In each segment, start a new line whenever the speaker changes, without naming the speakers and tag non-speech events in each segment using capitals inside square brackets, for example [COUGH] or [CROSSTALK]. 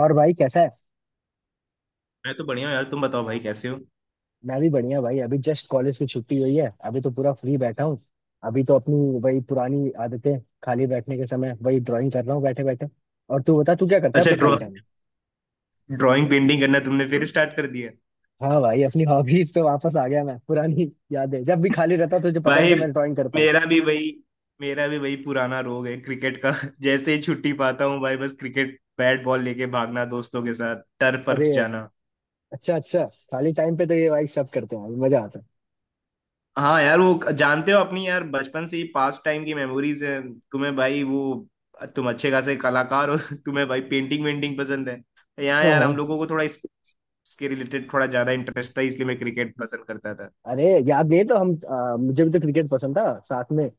और भाई कैसा है?
मैं तो बढ़िया हूँ यार। तुम बताओ भाई कैसे हो।
मैं भी बढ़िया भाई। अभी जस्ट कॉलेज की छुट्टी हुई है। अभी तो पूरा फ्री बैठा हूँ। अभी तो अपनी वही पुरानी आदतें। खाली बैठने के समय वही ड्राइंग कर रहा हूँ बैठे बैठे। और तू बता, तू क्या करता है
अच्छा,
अपने खाली
ड्रॉ
टाइम में?
ड्राइंग पेंटिंग करना तुमने फिर स्टार्ट कर दिया?
हाँ भाई, अपनी हॉबीज पे वापस आ गया मैं। पुरानी यादें, जब भी खाली रहता तुझे पता ही
भाई,
था मैं ड्राइंग करता हूँ।
मेरा भी वही मेरा भी वही पुराना रोग है क्रिकेट का। [LAUGHS] जैसे ही छुट्टी पाता हूँ भाई, बस क्रिकेट बैट बॉल लेके भागना, दोस्तों के साथ टर्फ वर्फ
अरे,
जाना।
अच्छा अच्छा। खाली टाइम पे तो ये भाई सब करते हैं, मजा आता है।
हाँ यार, वो जानते हो अपनी यार बचपन से ही पास्ट टाइम की मेमोरीज है। तुम्हें भाई वो, तुम अच्छे खासे कलाकार हो। [LAUGHS] तुम्हें भाई पेंटिंग वेंटिंग पसंद है। यहाँ
हाँ
यार
हाँ।
हम लोगों को थोड़ा इसके रिलेटेड थोड़ा ज्यादा इंटरेस्ट था, इसलिए मैं क्रिकेट पसंद करता था।
अरे याद नहीं है तो हम मुझे भी तो क्रिकेट पसंद था साथ में।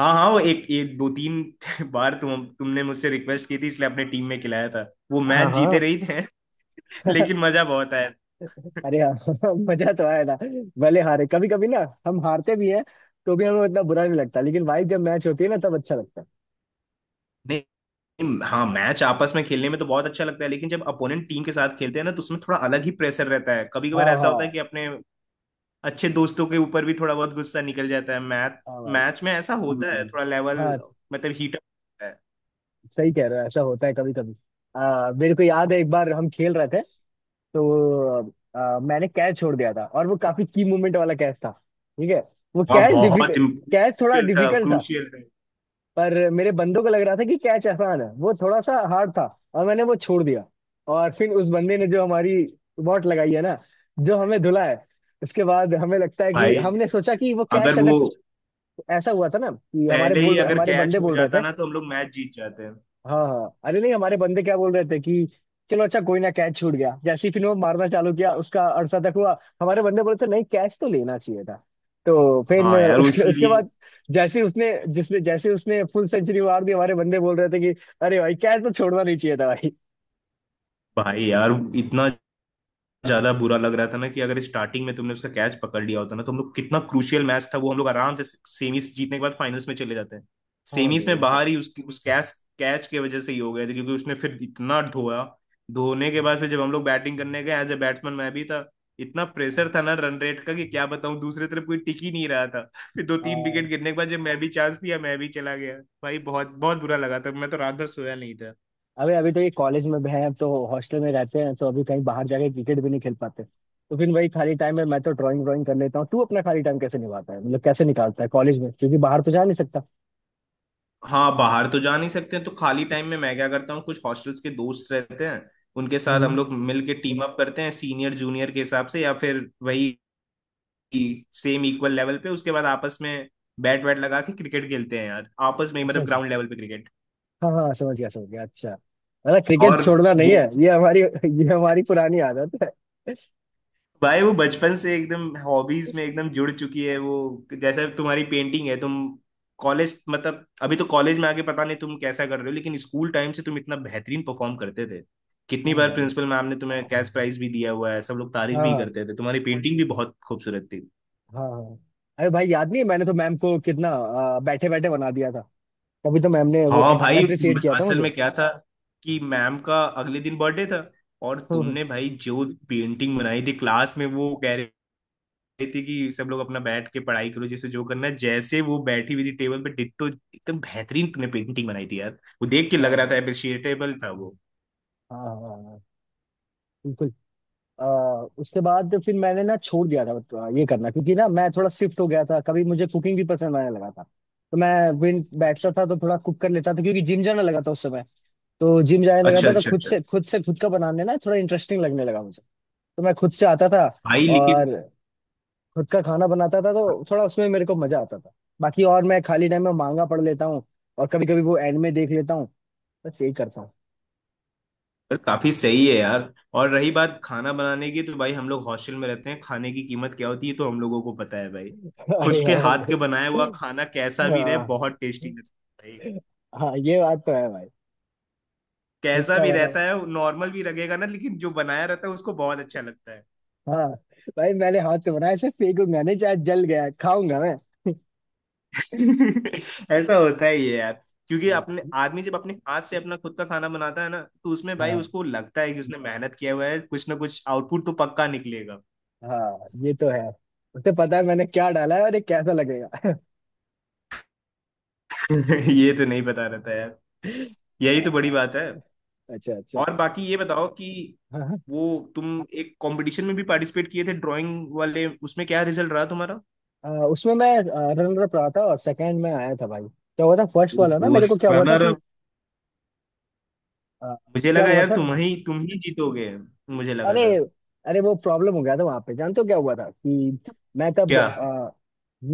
हाँ हाँ, वो एक एक दो तीन [LAUGHS] बार तुमने मुझसे रिक्वेस्ट की थी, इसलिए अपने टीम में खिलाया था। वो मैच जीते
हाँ
रही थे [LAUGHS]
हाँ।
लेकिन
[LAUGHS]
मजा बहुत आया।
अरे हाँ [LAUGHS] मजा तो आया था। भले हारे कभी कभी ना, हम हारते भी हैं तो भी हमें उतना बुरा नहीं लगता, लेकिन भाई जब मैच होती है ना तब अच्छा लगता है।
नहीं, हाँ, मैच आपस में खेलने में तो बहुत अच्छा लगता है लेकिन जब अपोनेंट टीम के साथ खेलते हैं ना, तो उसमें थोड़ा अलग ही प्रेशर रहता है। कभी
हाँ
कभार ऐसा होता है कि
हाँ।
अपने अच्छे दोस्तों के ऊपर भी थोड़ा बहुत गुस्सा निकल जाता है। मैच
हाँ भाई।
मैच में ऐसा होता है। हम्म। थोड़ा लेवल
हाँ।
मतलब हीट अप होता है।
सही कह रहे हो, ऐसा होता है कभी कभी। मेरे को याद है, एक बार हम खेल रहे थे तो मैंने कैच छोड़ दिया था, और वो काफी की मूवमेंट वाला कैच था। ठीक है। वो
हाँ,
कैच
बहुत
डिफिकल्ट, कैच थोड़ा
क्रूशियल था,
डिफिकल्ट था।
क्रूशियल था।
पर मेरे बंदों को लग रहा था कि कैच आसान है, वो थोड़ा सा हार्ड था, और मैंने वो छोड़ दिया। और फिर उस बंदे ने जो हमारी वॉट लगाई है ना, जो हमें धुला है, उसके बाद हमें लगता है कि
भाई
हमने सोचा कि वो
अगर
कैच अगर।
वो
ऐसा हुआ था ना कि
पहले ही अगर
हमारे
कैच
बंदे
हो
बोल रहे
जाता
थे।
ना, तो हम लोग मैच जीत जाते हैं।
हाँ हाँ। अरे नहीं, हमारे बंदे क्या बोल रहे थे कि चलो अच्छा, कोई ना, कैच छूट गया। जैसे ही फिर वो मारना चालू किया उसका, अरसा तक हुआ। हमारे बंदे बोले थे नहीं, कैच तो लेना चाहिए था। तो फिर
हाँ यार
उसके उसके
उसीलिए।
बाद, जैसे ही उसने फुल सेंचुरी मार दी, हमारे बंदे बोल रहे थे कि अरे भाई कैच तो छोड़ना नहीं चाहिए था भाई।
भाई यार इतना ज्यादा बुरा लग रहा था ना कि अगर स्टार्टिंग में तुमने उसका कैच पकड़ लिया होता ना, तो हम लोग, कितना क्रूशियल मैच था वो, हम लोग आराम से सेमीज जीतने के बाद फाइनल्स में चले जाते हैं।
हाँ
सेमीज
बे
में
एकदम।
बाहर ही उसकी उस कैच कैच की वजह से ही हो गए थे, क्योंकि उसने फिर इतना धोया, धोने के बाद फिर जब हम लोग बैटिंग करने गए, एज ए बैट्समैन मैं भी था, इतना प्रेशर था ना रन रेट का कि क्या बताऊं, दूसरी तरफ कोई टिक ही नहीं रहा था। फिर दो तीन
हाँ।
विकेट गिरने के बाद जब मैं भी चांस लिया, मैं भी चला गया। भाई बहुत बहुत बुरा लगा था, मैं तो रात भर सोया नहीं।
अबे अभी तो ये कॉलेज में भी है, अब तो हॉस्टल में रहते हैं तो अभी कहीं बाहर जाके क्रिकेट भी नहीं खेल पाते। तो फिर वही खाली टाइम में मैं तो ड्राइंग ड्राइंग कर लेता हूँ। तू अपना खाली टाइम कैसे निभाता है, मतलब कैसे निकालता है कॉलेज में, क्योंकि बाहर तो जा नहीं सकता?
हाँ, बाहर तो जा नहीं सकते, तो खाली टाइम में मैं क्या करता हूँ, कुछ हॉस्टल्स के दोस्त रहते हैं, उनके साथ
हम्म।
हम लोग मिल के टीम अप करते हैं सीनियर जूनियर के हिसाब से, या फिर वही सेम इक्वल लेवल पे। उसके बाद आपस में बैट वैट लगा के क्रिकेट खेलते हैं यार, आपस में ही
अच्छा
मतलब
अच्छा।
ग्राउंड लेवल पे क्रिकेट।
हाँ हाँ, समझ गया समझ गया। अच्छा। मतलब क्रिकेट
और
छोड़ना नहीं
वो,
है, ये हमारी पुरानी आदत है।
भाई वो बचपन से एकदम हॉबीज में एकदम जुड़ चुकी है वो, जैसे तुम्हारी पेंटिंग है, तुम कॉलेज मतलब अभी तो कॉलेज में आके पता नहीं तुम कैसा कर रहे हो लेकिन स्कूल टाइम से तुम इतना बेहतरीन परफॉर्म करते थे।
हाँ
कितनी बार
भाई।
प्रिंसिपल मैम ने तुम्हें कैश प्राइज भी दिया हुआ है, सब लोग तारीफ
हाँ
भी
हाँ।
करते थे, तुम्हारी पेंटिंग भी बहुत खूबसूरत थी।
हाँ हाँ। अरे भाई याद नहीं है, मैंने तो मैम को कितना बैठे बैठे बना दिया था। तभी तो मैम ने वो
हाँ भाई,
अप्रिसिएट किया था
असल
मुझे।
में क्या था कि मैम का अगले दिन बर्थडे था, और
हम्म। हम्म।
तुमने भाई जो पेंटिंग बनाई थी क्लास में, वो कह रहे रही थी कि सब लोग अपना बैठ के पढ़ाई करो, जिसे जो करना है, जैसे वो बैठी हुई थी टेबल पे डिट्टो एकदम बेहतरीन ने पेंटिंग बनाई थी यार। वो देख के लग
हाँ
रहा था
भाई।
अप्रिशिएटेबल था वो।
हाँ हाँ। हाँ। बिल्कुल। आ, उसके बाद फिर मैंने ना छोड़ दिया था ये करना, क्योंकि ना मैं थोड़ा शिफ्ट हो गया था। कभी मुझे कुकिंग भी पसंद आने लगा था, तो मैं विन
अच्छा
बैठता था तो थोड़ा कुक कर लेता था, क्योंकि जिम जाने लगा था उस समय। तो जिम जाने लगा
अच्छा।
था
हम्म,
तो
अच्छा
खुद
अच्छा।
से खुद से खुद का बनाने ना थोड़ा इंटरेस्टिंग लगने लगा मुझे। तो मैं खुद से आता था
भाई लेकिन
और खुद का खाना बनाता था, तो थोड़ा उसमें मेरे को मजा आता था। बाकी और मैं खाली टाइम में मांगा पढ़ लेता हूँ। और कभी कभी वो एंड में देख लेता हूँ। बस यही करता हूँ।
पर काफी सही है यार। और रही बात खाना बनाने की, तो भाई हम लोग हॉस्टल में रहते हैं, खाने की कीमत क्या होती है तो हम लोगों को पता है भाई।
[LAUGHS] अरे
खुद के
हाँ
हाथ के बनाया
भाई।
हुआ खाना कैसा भी रहे
हाँ
बहुत टेस्टी लगता है भाई।
हाँ, ये बात तो है भाई। खुद
कैसा
का
भी
बना।
रहता है, नॉर्मल भी लगेगा ना, लेकिन जो बनाया रहता है उसको बहुत अच्छा लगता है।
हाँ भाई, मैंने हाथ से बनाया ऐसे फेंकूंगा नहीं, चाहे जल गया खाऊंगा मैं।
[LAUGHS] ऐसा होता ही है यार, क्योंकि
हाँ
अपने आदमी जब अपने हाथ से अपना खुद का खाना बनाता है ना, तो उसमें भाई
हाँ।
उसको लगता है कि उसने मेहनत किया हुआ है, कुछ ना कुछ आउटपुट तो पक्का निकलेगा।
हाँ, ये तो है। उसे पता है मैंने क्या डाला है और ये कैसा लगेगा।
[LAUGHS] ये तो नहीं पता रहता यार,
[LAUGHS]
यही तो बड़ी बात है।
हाँ। अच्छा अच्छा।
और बाकी ये बताओ कि
हाँ हाँ।
वो, तुम एक कंपटीशन में भी पार्टिसिपेट किए थे ड्राइंग वाले, उसमें क्या रिजल्ट रहा तुम्हारा?
उसमें मैं रनर अप रहा था, और सेकंड में आया था भाई। क्या हुआ था फर्स्ट वाला ना,
वो
मेरे को क्या हुआ था
रनर,
कि आ,
मुझे
क्या
लगा
हुआ
यार
था।
तुम ही जीतोगे, मुझे लगा
अरे,
था।
अरे वो प्रॉब्लम हो गया था वहां पे। जानते हो क्या हुआ था कि मैं तब
क्या?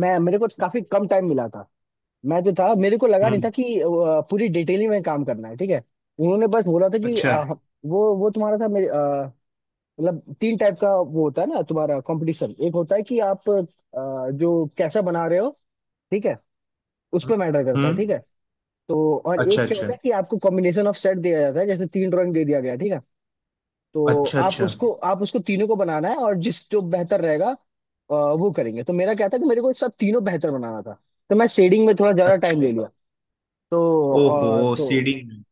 मैं मेरे को काफी कम टाइम मिला था। मैं जो था मेरे को लगा नहीं
हम्म।
था कि पूरी डिटेलिंग में काम करना है। ठीक है। उन्होंने बस बोला था कि
अच्छा।
वो तुम्हारा था, मेरे मतलब तीन टाइप का वो होता है ना तुम्हारा कंपटीशन। एक होता है कि आप जो कैसा बना रहे हो, ठीक है, उस पर मैटर करता है। ठीक
हम्म,
है। तो और
अच्छा
एक क्या
अच्छा।
होता है कि आपको कॉम्बिनेशन ऑफ सेट दिया जाता है, जैसे तीन ड्राइंग दे दिया गया। ठीक है। तो
अच्छा अच्छा।
आप उसको तीनों को बनाना है, और जिस जो बेहतर रहेगा वो करेंगे। तो मेरा क्या था कि मेरे को सब तीनों बेहतर बनाना था, तो मैं शेडिंग में थोड़ा ज्यादा टाइम
अच्छा।
ले लिया। तो
ओहो,
अ, तो
सीडिंग में।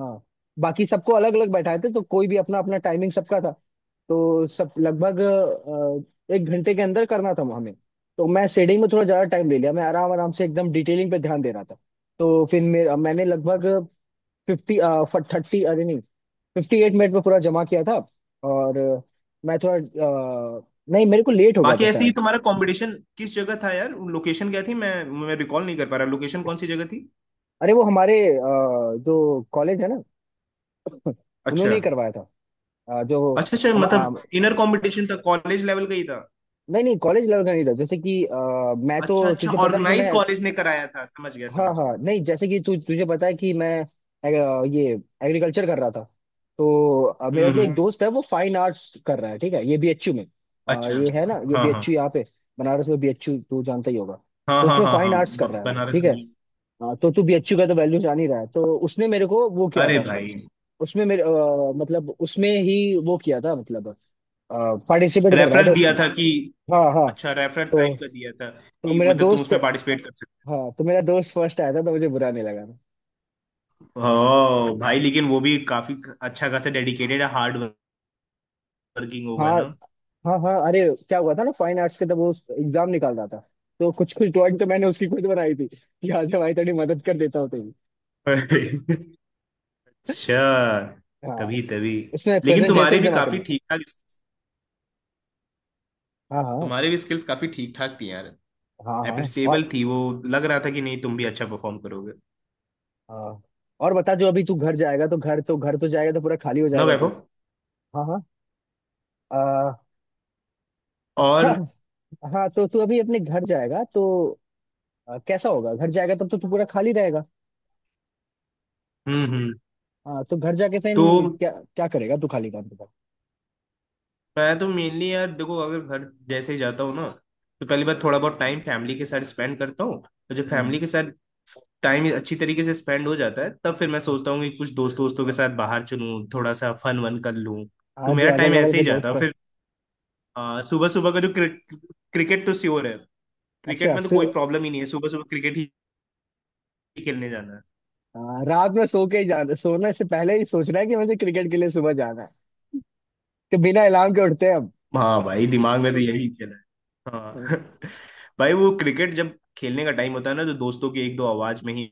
हाँ, बाकी सबको अलग अलग बैठाए थे, तो कोई भी अपना अपना टाइमिंग सबका था। तो सब लगभग 1 घंटे के अंदर करना था हमें। तो मैं शेडिंग में थोड़ा ज्यादा टाइम ले लिया, मैं आराम आराम से एकदम डिटेलिंग पे ध्यान दे रहा था। तो फिर मेरा मैंने लगभग फिफ्टी थर्टी, अरे नहीं, 58 मिनट में पूरा जमा किया था। और मैं थोड़ा नहीं, मेरे को लेट हो गया
बाकी
था
ऐसे ही
शायद।
तुम्हारा कंपटीशन किस जगह था यार? लोकेशन क्या थी? मैं रिकॉल नहीं कर पा रहा, लोकेशन कौन सी जगह थी?
अरे वो हमारे जो कॉलेज है ना,
अच्छा
उन्होंने ही करवाया था। जो
अच्छा। अच्छा
हम
मतलब इनर कंपटीशन था, कॉलेज लेवल का ही था?
नहीं नहीं, कॉलेज लेवल का नहीं था। जैसे कि मैं
अच्छा
तो,
अच्छा,
तुझे पता है कि
ऑर्गेनाइज
मैं।
कॉलेज ने कराया था, समझ गया
हाँ
समझ गया।
हाँ, नहीं जैसे कि तू तुझे पता है कि मैं एग- ये एग्रीकल्चर कर रहा था। तो मेरा जो एक
हम्म।
दोस्त है वो फाइन आर्ट्स कर रहा है, ठीक है, ये बीएचयू में।
अच्छा।
ये है ना, ये
हाँ हाँ
बीएचयू यहाँ पे बनारस में, बीएचयू तू जानता ही होगा।
हाँ
तो
हाँ।
उसमें
हाँ
फाइन
हाँ,
आर्ट्स कर रहा है वो।
बनारस
ठीक है।
में।
हाँ, तो तू बीएचयू का तो वैल्यू जान ही रहा है, तो उसने मेरे को वो किया
अरे
था।
भाई।
उसमें मेरे मतलब उसमें ही वो किया था, मतलब पार्टिसिपेट करवाया
रेफरल
था
दिया
उसने।
था कि।
हाँ हाँ।
अच्छा, रेफरल
तो
टाइप का दिया था
तो
कि
मेरा
मतलब तुम
दोस्त
उसमें पार्टिसिपेट कर सकते।
हाँ, तो मेरा दोस्त फर्स्ट आया था, तो मुझे बुरा नहीं लगा था।
ओ भाई, लेकिन वो भी काफी अच्छा खासा डेडिकेटेड है, हार्ड वर्किंग होगा
हाँ
ना।
हाँ। हाँ। अरे, क्या हुआ था ना, फाइन आर्ट्स के तब वो एग्जाम निकाल रहा था। तो कुछ कुछ ड्राइंग तो मैंने उसकी खुद बनाई थी कि आज भाई थोड़ी मदद कर देता हूँ तेरी।
अच्छा,
हाँ।
तभी तभी।
इसमें
लेकिन तुम्हारे
प्रेजेंटेशन
भी
जमा
काफी
करना।
ठीक ठाक,
हाँ हाँ।
तुम्हारे भी स्किल्स काफी ठीक ठाक थी यार,
हाँ हाँ। और।
अप्रिसिएबल थी वो। लग रहा था कि नहीं, तुम भी अच्छा परफॉर्म करोगे।
हाँ। और बता, जो अभी तू घर जाएगा तो घर तो जाएगा तो पूरा खाली हो
ना
जाएगा तू?
वैभव।
हाँ हाँ। आ,
और,
[LAUGHS] हाँ। हाँ तो तू अभी अपने घर जाएगा तो कैसा होगा, घर जाएगा तब तो तू पूरा खाली रहेगा।
हम्म।
हाँ तो घर जाके फिर
तो
क्या, क्या करेगा तू खाली काम के बाद?
मैं तो मेनली यार देखो, अगर घर जैसे ही जाता हूँ ना, तो पहली बार थोड़ा बहुत टाइम फैमिली के साथ स्पेंड करता हूँ, तो जब फैमिली
हम्म।
के साथ टाइम अच्छी तरीके से स्पेंड हो जाता है, तब फिर मैं सोचता हूँ कि कुछ दोस्तों के साथ बाहर चलूँ, थोड़ा सा फन वन कर लूँ।
हाँ,
तो
जो
मेरा
अगल
टाइम
बगल
ऐसे
के
ही जाता
दोस्त
है
है।
फिर। सुबह सुबह का जो क्रिकेट तो श्योर है, क्रिकेट
अच्छा।
में तो कोई प्रॉब्लम ही नहीं है, सुबह सुबह क्रिकेट ही खेलने जाना है।
हाँ, रात में सो के ही जाना, सोने से पहले ही सोचना है कि मुझे क्रिकेट के लिए सुबह जाना है, कि बिना अलार्म के उठते हैं।
हाँ भाई दिमाग में तो यही चला है हाँ।
हम।
[LAUGHS] भाई वो क्रिकेट जब खेलने का टाइम होता है ना, तो दोस्तों की एक दो आवाज में ही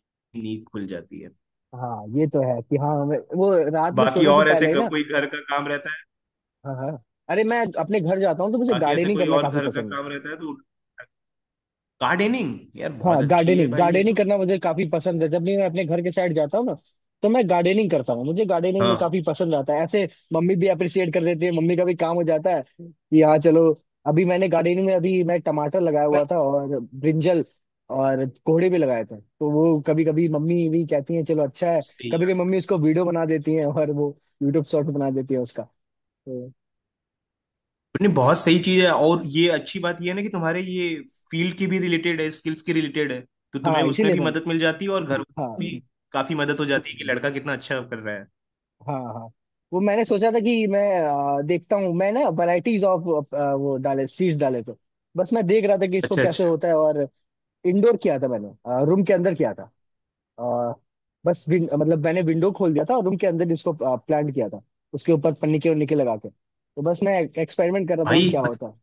नींद खुल जाती है।
हाँ ये तो है कि हाँ, हमें वो रात में
बाकी
सोने से
और ऐसे
पहले ही ना।
कोई घर का काम रहता है,
हाँ हाँ। अरे मैं अपने घर जाता हूँ तो मुझे
बाकी ऐसे
गार्डनिंग
कोई
करना
और
काफी
घर का
पसंद है।
काम रहता है तो। गार्डनिंग यार
हाँ,
बहुत अच्छी है
गार्डनिंग
भाई ये
गार्डनिंग
तो।
करना मुझे काफी पसंद है, जब भी मैं अपने घर के साइड जाता हूँ ना, तो मैं गार्डनिंग करता हूँ, मुझे गार्डनिंग में
हाँ
काफी पसंद आता है ऐसे। मम्मी भी अप्रिशिएट कर देती है, मम्मी का भी काम हो जाता है कि हाँ चलो। अभी मैंने गार्डनिंग में अभी मैं टमाटर लगाया हुआ था, और ब्रिंजल और कोहड़े भी लगाए थे, तो वो कभी कभी मम्मी भी कहती है चलो अच्छा है।
सही
कभी
यार।
कभी मम्मी उसको वीडियो बना देती है, और वो यूट्यूब शॉर्ट बना देती है उसका। तो
नहीं, बहुत सही चीज है, और ये अच्छी बात ये है ना कि तुम्हारे ये फील्ड की भी रिलेटेड है, स्किल्स की रिलेटेड है, तो तुम्हें
हाँ,
उसमें
इसीलिए
भी
मैंने।
मदद मिल जाती है और घर वालों की
हाँ।
भी काफी मदद हो जाती है कि लड़का कितना अच्छा कर रहा है।
हाँ हाँ। वो मैंने सोचा था कि मैं देखता हूँ, मैं ना वैरायटीज ऑफ वो डाले, सीड्स डाले, तो बस मैं देख रहा था कि इसको
अच्छा
कैसे
अच्छा
होता है। और इंडोर किया था मैंने, रूम के अंदर किया था। अ, बस मतलब मैंने विंडो खोल दिया था, और रूम के अंदर इसको प्लांट किया था। उसके ऊपर पन्नी के उन्नी के लगा के, तो बस मैं एक्सपेरिमेंट कर रहा था कि
भाई।
क्या होता है।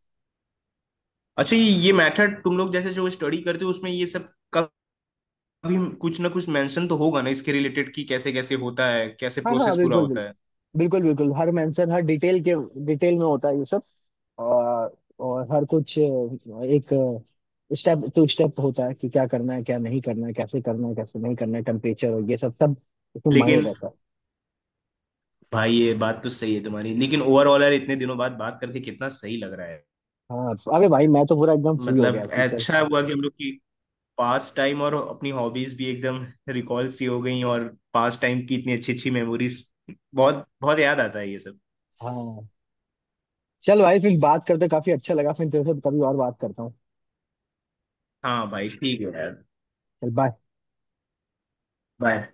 अच्छा, ये मेथड तुम लोग जैसे जो स्टडी करते हो, उसमें ये सब का भी कुछ ना कुछ मेंशन तो होगा ना इसके रिलेटेड कि कैसे कैसे होता है, कैसे
हाँ हाँ,
प्रोसेस पूरा
बिल्कुल बिल्कुल।
होता है।
बिल्कुल बिल्कुल, हर मेंशन हर डिटेल के, डिटेल में होता है ये सब। और और हर कुछ एक स्टेप टू स्टेप होता है कि क्या करना है क्या नहीं करना है कैसे करना है कैसे नहीं करना है, टेम्परेचर और ये सब सब इसमें मायने
लेकिन
रहता है।
भाई, ये बात तो सही है तुम्हारी, लेकिन ओवरऑल यार इतने दिनों बाद बात करके कितना सही लग रहा है।
हाँ, अरे भाई
यार
मैं तो पूरा एकदम फ्री हो गया
मतलब
कि चल।
अच्छा हुआ कि हम लोग की पास टाइम और अपनी हॉबीज भी एकदम रिकॉल सी हो गई, और पास टाइम की इतनी अच्छी अच्छी मेमोरीज, बहुत बहुत याद आता है ये सब।
हाँ, चल भाई फिर बात करते, काफी अच्छा लगा, फिर तेरे से कभी और बात करता हूँ।
हाँ भाई ठीक है यार।
चल, बाय।
बाय।